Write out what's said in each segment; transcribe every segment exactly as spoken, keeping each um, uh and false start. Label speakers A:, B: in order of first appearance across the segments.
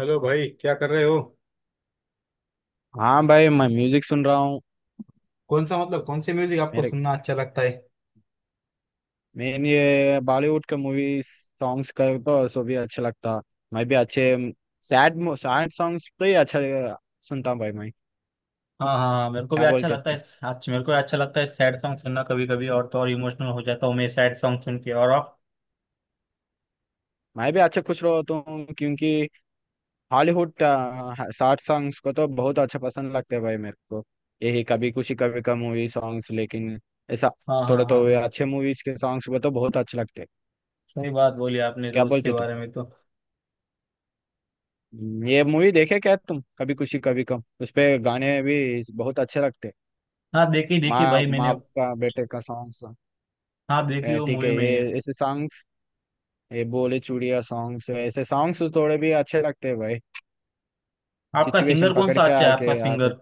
A: Hello भाई, क्या कर रहे हो।
B: हाँ भाई, मैं म्यूजिक सुन रहा हूँ।
A: कौन सा मतलब कौन से म्यूजिक आपको
B: मेरे
A: सुनना अच्छा लगता है।
B: मेन ये बॉलीवुड के मूवी सॉन्ग्स का तो सो भी अच्छा लगता। मैं भी अच्छे सैड सैड सॉन्ग्स तो ही अच्छा सुनता हूँ भाई मैं।
A: हाँ हाँ, मेरे को भी
B: क्या
A: अच्छा
B: बोलते अब
A: लगता है।
B: तू।
A: अच्छा, मेरे को भी अच्छा लगता है सैड सॉन्ग सुनना, कभी कभी और तो और इमोशनल हो जाता हूँ मैं सैड सॉन्ग सुन के। और आप।
B: मैं भी अच्छे खुश रहता हूँ, क्योंकि हॉलीवुड सैड सॉन्ग्स को तो बहुत अच्छा पसंद लगता है भाई मेरे को। यही कभी खुशी कभी गम मूवी सॉन्ग्स, लेकिन ऐसा
A: हाँ हाँ
B: थोड़ा
A: हाँ
B: तो वे
A: हाँ।
B: अच्छे मूवीज के सॉन्ग्स को तो बहुत अच्छे लगते हैं।
A: सही बात बोली आपने, तो
B: क्या
A: उसके
B: बोलते तू।
A: बारे में तो।
B: ये मूवी देखे क्या तुम, कभी खुशी कभी गम, उसपे गाने भी बहुत अच्छे लगते हैं।
A: हाँ, देखी देखी
B: माँ
A: भाई
B: माँ
A: मैंने।
B: बाप का बेटे का सॉन्ग्स।
A: हाँ, देखी वो
B: ठीक
A: मूवी
B: है, ये
A: में।
B: ऐसे सॉन्ग्स, ये बोले चूड़िया सॉन्ग्स, ऐसे सॉन्ग्स थोड़े भी अच्छे लगते हैं भाई।
A: आपका सिंगर
B: सिचुएशन
A: कौन
B: पकड़
A: सा
B: के
A: अच्छा है, आपका
B: आके आते हैं।
A: सिंगर।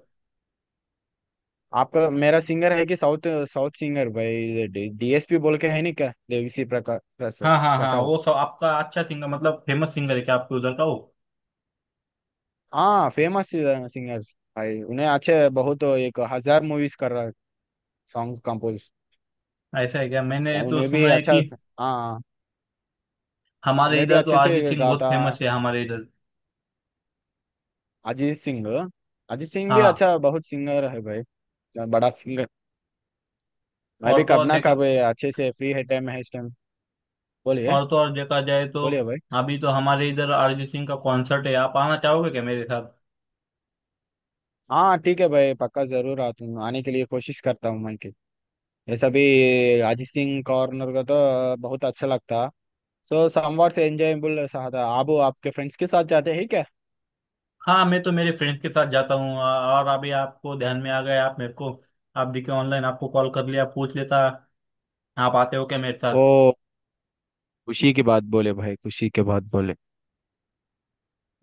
B: आपका मेरा सिंगर है कि साउथ, साउथ सिंगर भाई। डीएसपी बोल के है नहीं क्या, देवीसी प्रका प्रसाद
A: हाँ हाँ हाँ,
B: प्रसाद
A: वो सब आपका अच्छा सिंगर मतलब फेमस सिंगर है क्या आपके उधर का वो।
B: हाँ फेमस सिंगर भाई। उन्हें अच्छे बहुत, एक हजार मूवीज कर रहा है सॉन्ग कंपोज।
A: ऐसा है क्या, मैंने तो
B: उन्हें भी
A: सुना है कि
B: अच्छा। हाँ,
A: हमारे
B: उन्हें भी
A: इधर तो
B: अच्छे
A: अरिजीत
B: से
A: सिंह बहुत
B: गाता
A: फेमस है, हमारे इधर।
B: अजीत सिंह। अजीत सिंह भी
A: हाँ।
B: अच्छा बहुत सिंगर है भाई। बड़ा सिंगर। मैं भी
A: और तो
B: कब
A: और
B: ना
A: देखा
B: कब अच्छे से फ्री है, टाइम है इस टाइम। बोलिए।
A: और तो और देखा जाए तो
B: बोलिए भाई।
A: अभी तो हमारे इधर अरिजीत सिंह का कॉन्सर्ट है। आप आना चाहोगे क्या मेरे साथ।
B: हाँ ठीक है भाई, पक्का जरूर आता हूँ, आने के लिए कोशिश करता हूँ मैं कि ये सभी अजीत सिंह कॉर्नर का तो बहुत अच्छा लगता। सो समवार से एंजॉयबल रहा था। आप आपके फ्रेंड्स के साथ जाते हैं क्या?
A: हाँ, मैं तो मेरे फ्रेंड्स के साथ जाता हूँ। आ- और अभी आपको ध्यान में आ गया, आप मेरे को आप दिखे ऑनलाइन, आपको कॉल कर लिया, पूछ लेता। आप आते हो क्या मेरे साथ।
B: ओ। खुशी की बात बोले भाई, खुशी की बात बोले।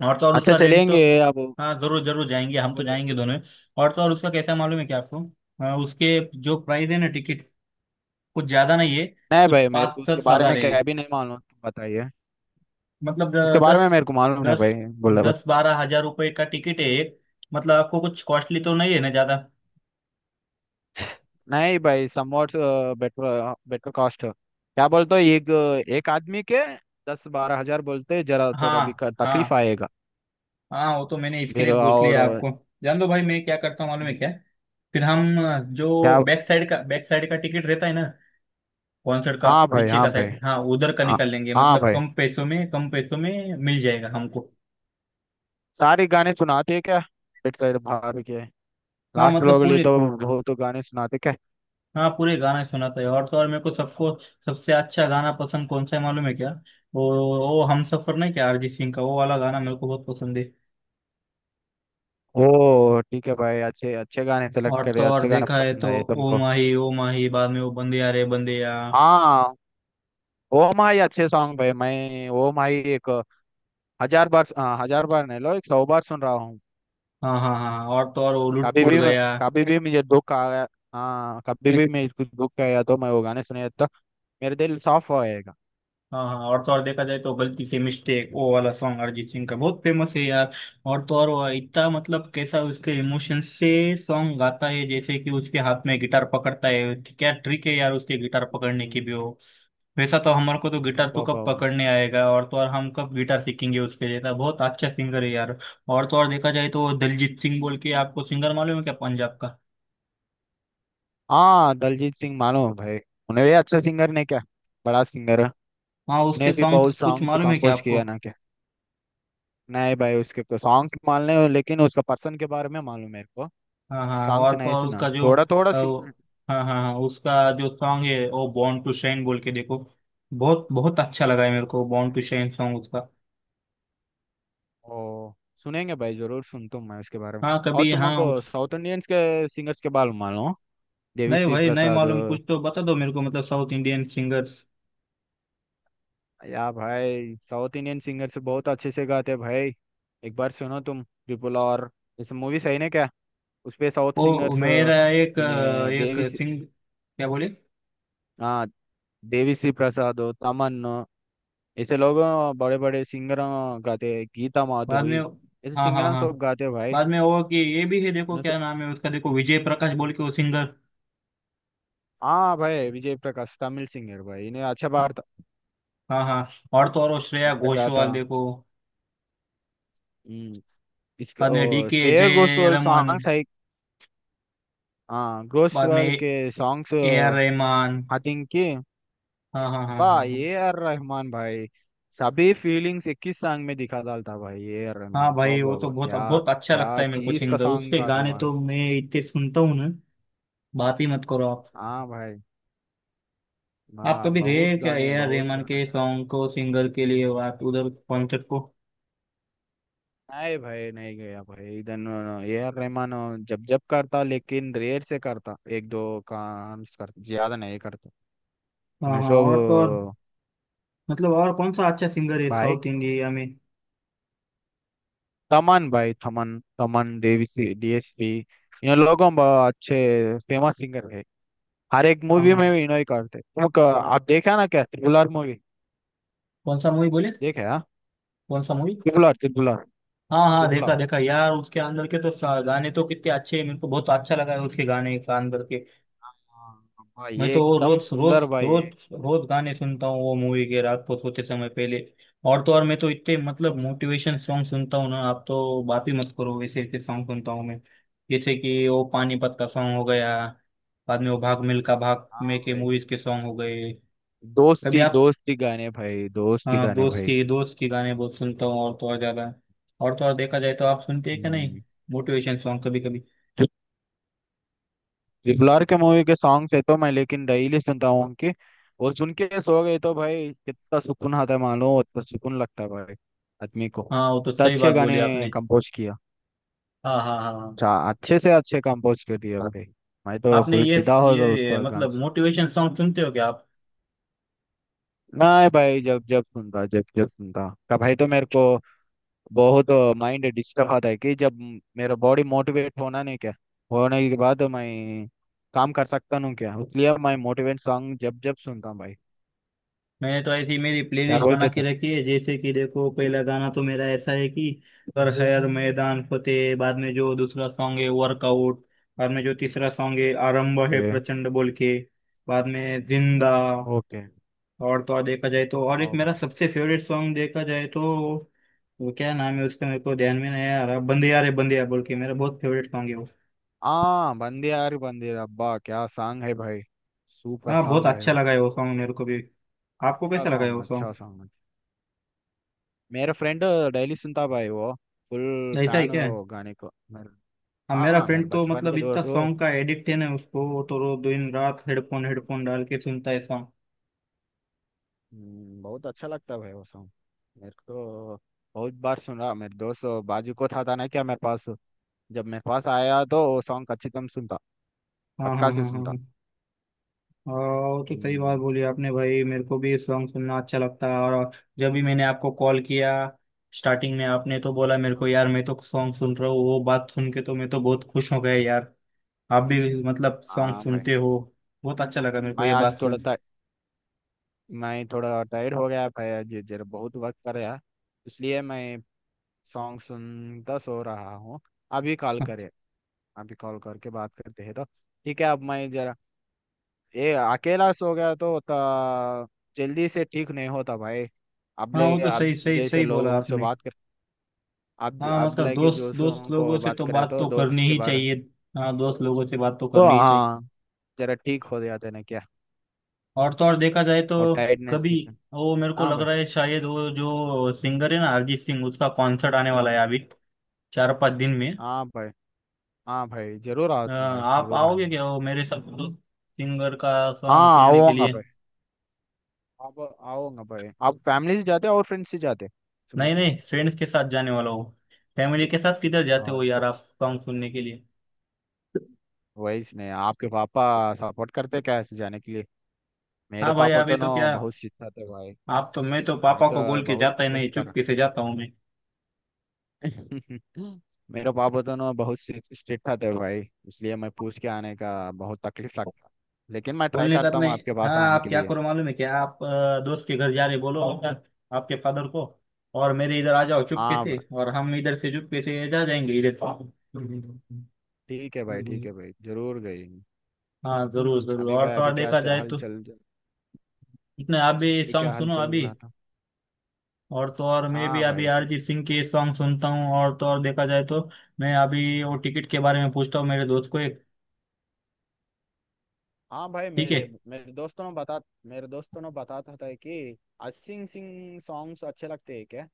A: और तो और
B: अच्छा,
A: उसका रेंट तो।
B: चलेंगे आप।
A: हाँ जरूर जरूर जाएंगे, हम तो
B: बोलिए भाई।
A: जाएंगे दोनों। और तो और उसका कैसा मालूम है क्या आपको। हाँ, उसके जो प्राइस है ना टिकट, कुछ ज्यादा नहीं है।
B: नहीं
A: कुछ
B: भाई, मेरे को
A: पाँच
B: उसके
A: सात
B: बारे
A: हजार
B: में
A: है।
B: क्या भी नहीं मालूम, तुम बताइए।
A: मतलब अ,
B: उसके बारे में
A: दस
B: मेरे को मालूम नहीं
A: दस
B: भाई। बोला बस।
A: दस बारह हजार रुपए का टिकट है एक। मतलब आपको कुछ कॉस्टली तो नहीं है ना ज्यादा।
B: नहीं भाई, समवॉट बेटर, बेटर कॉस्ट, क्या बोलते हो, एक एक आदमी के दस बारह हजार बोलते हैं, जरा थोड़ा भी
A: हाँ
B: क- तकलीफ
A: हाँ
B: आएगा।
A: हाँ, वो तो मैंने इसके
B: फिर
A: लिए पूछ
B: और
A: लिया
B: अ,
A: आपको। जान दो भाई, मैं क्या करता हूँ मालूम है क्या। फिर हम अ,
B: क्या।
A: जो बैक साइड का बैक साइड का टिकट रहता है ना कॉन्सर्ट का,
B: हाँ भाई,
A: पीछे
B: हाँ
A: का
B: भाई,
A: साइड, हाँ उधर का
B: हाँ,
A: निकाल लेंगे।
B: हाँ
A: मतलब
B: भाई।
A: कम पैसों में कम पैसों में मिल जाएगा हमको।
B: सारे गाने सुनाते हैं क्या? पेट साइड बाहर के
A: हाँ
B: लास्ट
A: मतलब
B: लोग लिए
A: पूरे,
B: तो बहुत गाने सुनाते क्या?
A: हाँ पूरे गाना सुना था। और तो और मेरे को सबको सबसे अच्छा गाना पसंद कौन सा है मालूम है क्या। वो वो हम सफर नहीं क्या, अरिजीत सिंह का वो वाला गाना मेरे को बहुत पसंद है।
B: ओ ठीक है भाई, अच्छे अच्छे गाने सेलेक्ट
A: और
B: करे,
A: तो और
B: अच्छे गाने
A: देखा है
B: पसंद
A: तो
B: आए
A: ओ
B: तुमको।
A: माही ओ माही, बाद में वो बंदे आ रे बंदे आ।
B: हाँ। ओ माही अच्छे सॉन्ग भाई, मैं ओ माही एक हजार बार, हाँ, हजार बार नहीं, लो, एक सौ बार सुन रहा हूँ।
A: हाँ हाँ हाँ, और तो और वो लुट
B: कभी
A: पुट
B: भी मैं,
A: गया।
B: कभी भी मुझे दुख आया, हाँ, कभी भी मैं कुछ दुख आया तो मैं वो गाने सुने तो मेरे दिल साफ हो जाएगा।
A: हाँ हाँ, और तो और देखा जाए तो गलती से मिस्टेक वो वाला सॉन्ग अरिजीत सिंह का बहुत फेमस है यार। और तो और वो इतना मतलब कैसा उसके इमोशन से सॉन्ग गाता है, जैसे कि उसके हाथ में गिटार पकड़ता है, क्या ट्रिक है यार उसके गिटार पकड़ने की
B: हम्म।
A: भी हो। वैसा तो हमारे को तो गिटार तो
B: वाह,
A: कब
B: वाह, वाह।
A: पकड़ने आएगा। और तो और हम कब गिटार सीखेंगे उसके जैसा, बहुत अच्छा सिंगर है यार। और तो और देखा जाए तो वो दलजीत सिंह बोल के, आपको सिंगर मालूम है क्या पंजाब का।
B: हाँ, दलजीत सिंह मानो भाई, उन्हें भी अच्छा सिंगर ने क्या, बड़ा सिंगर है।
A: हाँ, उसके
B: उन्हें भी
A: सॉन्ग्स
B: बहुत
A: कुछ
B: सॉन्ग्स
A: मालूम है क्या
B: कंपोज
A: आपको।
B: किया ना क्या? नहीं भाई, उसके तो सॉन्ग मालूम है, लेकिन उसका पर्सन के बारे में मालूम मेरे को।
A: हाँ हाँ,
B: सॉन्ग्स
A: और तो
B: नहीं
A: और
B: सुना,
A: उसका जो
B: थोड़ा थोड़ा
A: अ, वो-
B: सिंग।
A: हाँ हाँ हाँ, उसका जो सॉन्ग है वो बॉर्न टू शाइन बोल के देखो। बहुत बहुत अच्छा लगा है मेरे को बॉर्न टू शाइन सॉन्ग उसका।
B: ओ, सुनेंगे भाई, जरूर सुनता हूँ मैं उसके बारे में।
A: हाँ
B: और
A: कभी हाँ
B: तुमको
A: उस।
B: साउथ इंडियंस के सिंगर्स के बारे में मालूम, देवी
A: नहीं
B: श्री
A: भाई, नहीं
B: प्रसाद।
A: मालूम, कुछ तो बता दो मेरे को मतलब साउथ इंडियन सिंगर्स।
B: या भाई, साउथ इंडियन सिंगर्स बहुत अच्छे से गाते हैं भाई। एक बार सुनो तुम ट्रिपल और इस मूवी सही ने क्या, उस पे साउथ
A: वो
B: सिंगर्स।
A: मेरा एक अ,
B: इन्हें
A: एक
B: देवी श्री-
A: सिंग क्या बोले।
B: हाँ, देवी श्री प्रसाद, तमन, ऐसे लोग, बड़े बड़े सिंगर गाते हैं, गीता
A: बाद में।
B: माधुरी, ऐसे
A: हाँ हाँ
B: सिंगर
A: हाँ।
B: सब गाते हैं भाई।
A: बाद में वो कि ये भी है, देखो
B: इनसे-
A: क्या नाम है उसका, देखो विजय प्रकाश बोल के वो सिंगर।
B: हाँ भाई, विजय प्रकाश तमिल सिंगर भाई, इन्हें अच्छा बार,
A: हाँ हाँ, और तो और वो श्रेया
B: अच्छा गाता।
A: घोषाल देखो।
B: हम्म। इसका
A: बाद में डी
B: ओ,
A: के
B: श्रेया
A: जय
B: घोषाल
A: रमन,
B: सॉन्ग्स है। हाँ,
A: बाद में
B: घोषाल के songs.
A: A R Rahman.
B: I think कि
A: हाँ हाँ हाँ
B: बा
A: हाँ हाँ।
B: ए आर रहमान भाई। सभी फीलिंग्स एक ही सॉन्ग में दिखा डालता भाई ए आर
A: हाँ
B: रहमान, वाह
A: भाई, वो
B: वाह
A: तो
B: वाह,
A: बहुत
B: क्या
A: बहुत अच्छा
B: क्या
A: लगता है मेरे को
B: चीज का
A: सिंगर,
B: सॉन्ग
A: उसके
B: गाता
A: गाने
B: भाई।
A: तो मैं इतने सुनता हूँ ना, बात ही मत करो आप।
B: हाँ भाई,
A: आप
B: वाह,
A: कभी गए
B: बहुत
A: क्या ए
B: गाने,
A: आर
B: बहुत
A: रहमान के
B: गाने।
A: सॉन्ग को, सिंगर के लिए आप उधर कॉन्सर्ट को।
B: नहीं भाई, नहीं गया भाई, इधर ए आर रहमान जब जब करता, लेकिन रेयर से करता, एक दो काम करता, ज्यादा नहीं करता।
A: हाँ
B: उन्हें
A: हाँ,
B: सब
A: और तो और मतलब और कौन सा अच्छा सिंगर है
B: भाई,
A: साउथ इंडिया में।
B: तमन भाई, थमन तमन, देवी, डीएसपी, इन लोगों बहुत अच्छे फेमस सिंगर है। हर एक
A: हाँ
B: मूवी में
A: हाँ।
B: भी इन्हों ही करते, तुम क- आप देखा ना क्या ट्रिपुलर मूवी?
A: कौन सा मूवी बोले,
B: देखे हाँ।
A: कौन सा मूवी।
B: ट्रिपुलर, ट्रिपुलर,
A: हाँ हाँ, देखा
B: ट्रिपुलर,
A: देखा यार, उसके अंदर के तो सा- गाने तो कितने अच्छे हैं, मेरे को बहुत अच्छा लगा है उसके गाने के अंदर के।
B: हाँ भाई,
A: मैं
B: ये
A: तो वो
B: एकदम
A: रोज रोज
B: सुंदर भाई है।
A: रोज रोज गाने सुनता हूँ वो मूवी के, रात को सोते समय पहले। और तो और मैं तो इतने मतलब मोटिवेशन सॉन्ग सुनता हूँ ना, आप तो बात ही मत करो, वैसे ऐसे सॉन्ग सुनता हूँ मैं। जैसे कि वो पानीपत का सॉन्ग हो गया, बाद में वो भाग मिल्खा भाग
B: हाँ
A: में के
B: भाई,
A: मूवीज के सॉन्ग हो गए। कभी
B: दोस्ती
A: आप,
B: दोस्ती गाने भाई, दोस्ती
A: हाँ
B: गाने
A: दोस्त
B: भाई।
A: की दोस्त की गाने बहुत सुनता हूँ और तो और ज्यादा। और तो और देखा जाए तो आप सुनते हैं क्या नहीं
B: हम्म,
A: मोटिवेशन सॉन्ग कभी कभी।
B: ट्रिपल के मूवी के सॉन्ग्स है तो मैं लेकिन डेली सुनता हूँ उनके। और सुन के सो गए तो भाई, कितना सुकून आता है मालूम, उतना सुकून लगता है भाई आदमी को।
A: हाँ वो तो
B: तो
A: सही
B: अच्छे
A: बात बोली
B: गाने
A: आपने।
B: कंपोज किया।
A: हाँ हाँ हाँ हाँ।
B: अच्छा, अच्छे से अच्छे कंपोज कर दिया भाई। मैं तो
A: आपने
B: फुल
A: ये
B: फिदा हो तो उस
A: ये
B: पर गान
A: मतलब
B: से।
A: मोटिवेशन सॉन्ग सुनते हो क्या आप।
B: नहीं भाई, जब जब सुनता, जब जब सुनता का भाई तो मेरे को बहुत माइंड डिस्टर्ब आता है, कि जब मेरा बॉडी मोटिवेट होना नहीं क्या, होने के बाद मैं काम कर सकता हूँ क्या, इसलिए मैं मोटिवेट सॉन्ग जब जब सुनता हूँ भाई।
A: मैंने तो ऐसी मेरी
B: क्या
A: प्लेलिस्ट बना
B: बोलते
A: के
B: तुम।
A: रखी है, जैसे कि देखो पहला गाना तो मेरा ऐसा है कि कर जी हर मैदान फतेह। बाद में जो दूसरा सॉन्ग है वर्कआउट। बाद में जो तीसरा सॉन्ग है आरंभ है
B: ओके।
A: प्रचंड बोल के। बाद में जिंदा।
B: ओके।
A: और तो और देखा जाए तो, और एक
B: आओ
A: मेरा
B: भाई।
A: सबसे फेवरेट सॉन्ग देखा जाए तो वो क्या नाम है उसका, मेरे को ध्यान में नहीं आ रहा, बंदे यार है बंदे यार बोल के, मेरा बहुत फेवरेट सॉन्ग है वो।
B: हाँ, बंदे यार, बंदे अब्बा, क्या सॉन्ग है भाई, सुपर
A: हाँ बहुत
B: सॉन्ग भाई
A: अच्छा
B: वो।
A: लगा है वो सॉन्ग मेरे को भी। आपको
B: अच्छा
A: कैसा लगा है
B: सॉन्ग,
A: वो
B: अच्छा
A: सॉन्ग।
B: सॉन्ग। मेरा फ्रेंड डेली सुनता भाई वो, फुल
A: ऐसा ही
B: फैन है
A: क्या।
B: वो गाने को मेरे।
A: हाँ, मेरा
B: हाँ, मेरे
A: फ्रेंड तो
B: बचपन
A: मतलब
B: के
A: इतना
B: दोस्त वो।
A: सॉन्ग का एडिक्ट है ना उसको, वो तो रो दिन रात हेडफोन हेडफोन डाल के सुनता है सॉन्ग।
B: हम्म, बहुत अच्छा लगता भाई वो सॉन्ग मेरे को। बहुत बार सुन रहा मेरे दोस्त बाजू को था, था ना क्या मेरे पास। जब मेरे पास आया तो वो सॉन्ग अच्छी कम सुनता।
A: हाँ हाँ
B: पक्का से
A: हाँ हाँ
B: सुनता।
A: हाँ। और वो तो सही बात
B: हम्म।
A: बोली आपने भाई, मेरे को भी सॉन्ग सुनना अच्छा लगता है। और जब भी मैंने आपको कॉल किया, स्टार्टिंग में आपने तो बोला मेरे
B: हाँ
A: को
B: भाई,
A: यार मैं तो सॉन्ग सुन रहा हूँ, वो बात सुन के तो मैं तो बहुत खुश हो गया यार। आप भी मतलब सॉन्ग
B: हाँ भाई।
A: सुनते हो, बहुत अच्छा लगा मेरे को
B: मैं
A: ये बात
B: आज थोड़ा
A: सुन।
B: था, मैं थोड़ा टायर्ड हो गया भाई जी, जरा बहुत वक्त कर रहा, इसलिए मैं सॉन्ग सुनता सो रहा हूँ। अभी कॉल करे, अभी कॉल करके बात करते हैं तो ठीक है, अब मैं जरा, ये अकेला सो गया तो, तो जल्दी से ठीक नहीं होता भाई। अब
A: हाँ
B: ले,
A: वो तो सही
B: अब
A: सही
B: जैसे
A: सही बोला
B: लोगों से
A: आपने।
B: बात कर, अब
A: हाँ
B: अब
A: मतलब
B: लेके
A: दोस्त
B: जो सो
A: दोस्त
B: उनको
A: लोगों से
B: बात
A: तो
B: करे
A: बात
B: तो
A: तो
B: दोस्त
A: करनी
B: के
A: ही
B: बारे में।
A: चाहिए। हाँ दोस्त लोगों से बात तो
B: तो
A: करनी ही चाहिए।
B: हाँ, जरा ठीक हो जाते ना क्या,
A: और तो और देखा जाए तो
B: और टायर्डनेस
A: कभी
B: दिखे।
A: वो मेरे को
B: हाँ
A: लग
B: भाई,
A: रहा है, शायद वो जो सिंगर है ना अरिजीत सिंह, उसका कॉन्सर्ट आने वाला है अभी चार पांच दिन में।
B: हाँ भाई, हाँ भाई जरूर आओ
A: अ,
B: तुम भाई,
A: आप
B: जरूर
A: आओगे
B: आएंगे।
A: क्या वो मेरे सब सिंगर का सॉन्ग
B: हाँ
A: सुनने के
B: आऊंगा।
A: लिए।
B: आप आओगे भाई, आप फैमिली से जाते हो और फ्रेंड्स से जाते हो सुनने
A: नहीं
B: के लिए।
A: नहीं, फ्रेंड्स के साथ जाने वाला हो। फैमिली के साथ किधर जाते हो
B: और
A: यार आप सॉन्ग सुनने के लिए।
B: वही इसने आपके पापा सपोर्ट करते क्या ऐसे जाने के लिए, मेरे
A: हाँ भाई
B: पापा
A: अभी
B: तो ना
A: तो क्या,
B: बहुत सिखाते भाई।
A: आप तो, मैं तो
B: मैं
A: पापा
B: तो
A: को बोल के
B: बहुत
A: जाता ही नहीं
B: रिक्वेस्ट कर रहा।
A: चुपके से जाता हूँ मैं।
B: मेरे पापा तो ना बहुत स्ट्रिक्ट थे भाई, इसलिए मैं पूछ के आने का बहुत तकलीफ लगता, लेकिन मैं ट्राई
A: बोलने का तो
B: करता हूँ
A: नहीं,
B: आपके
A: हाँ
B: पास आने
A: आप
B: के
A: क्या
B: लिए।
A: करो मालूम है क्या, आप अ, दोस्त के घर जा रहे बोलो आपके फादर को, और मेरे इधर आ जाओ चुपके
B: हाँ
A: से,
B: भाई,
A: और हम इधर से चुपके से जा जाएंगे इधर।
B: ठीक है भाई, ठीक है भाई जरूर गई।
A: हाँ जरूर जरूर,
B: अभी
A: और
B: भाई,
A: तो और
B: अभी क्या
A: देखा
B: च-
A: जाए
B: हल
A: तो
B: चल।
A: इतने आप भी
B: अभी
A: सॉन्ग
B: क्या हल
A: सुनो
B: चल
A: अभी,
B: रहा था।
A: और तो और मैं भी
B: हाँ
A: अभी
B: भाई ठीक।
A: अरिजीत सिंह के सॉन्ग सुनता हूँ। और तो और देखा जाए तो मैं अभी वो टिकट के बारे में पूछता हूँ मेरे दोस्त को एक।
B: हाँ भाई,
A: ठीक
B: मेरे
A: है।
B: मेरे दोस्तों ने बता, मेरे दोस्तों ने बताता था कि अरिजीत सिंह सॉन्ग्स अच्छे लगते हैं क्या।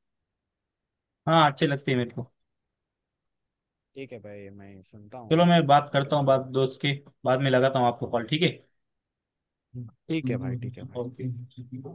A: हाँ अच्छे लगते हैं मेरे को।
B: ठीक है भाई, मैं सुनता
A: चलो
B: हूँ,
A: मैं बात
B: सुन के
A: करता हूँ बात
B: बाद।
A: दोस्त के, बाद में लगाता हूँ आपको कॉल, ठीक है। हम्म,
B: ठीक है
A: इसलिए
B: भाई,
A: मैं तो
B: ठीक है भाई।
A: चावल के ही चाहती हूँ।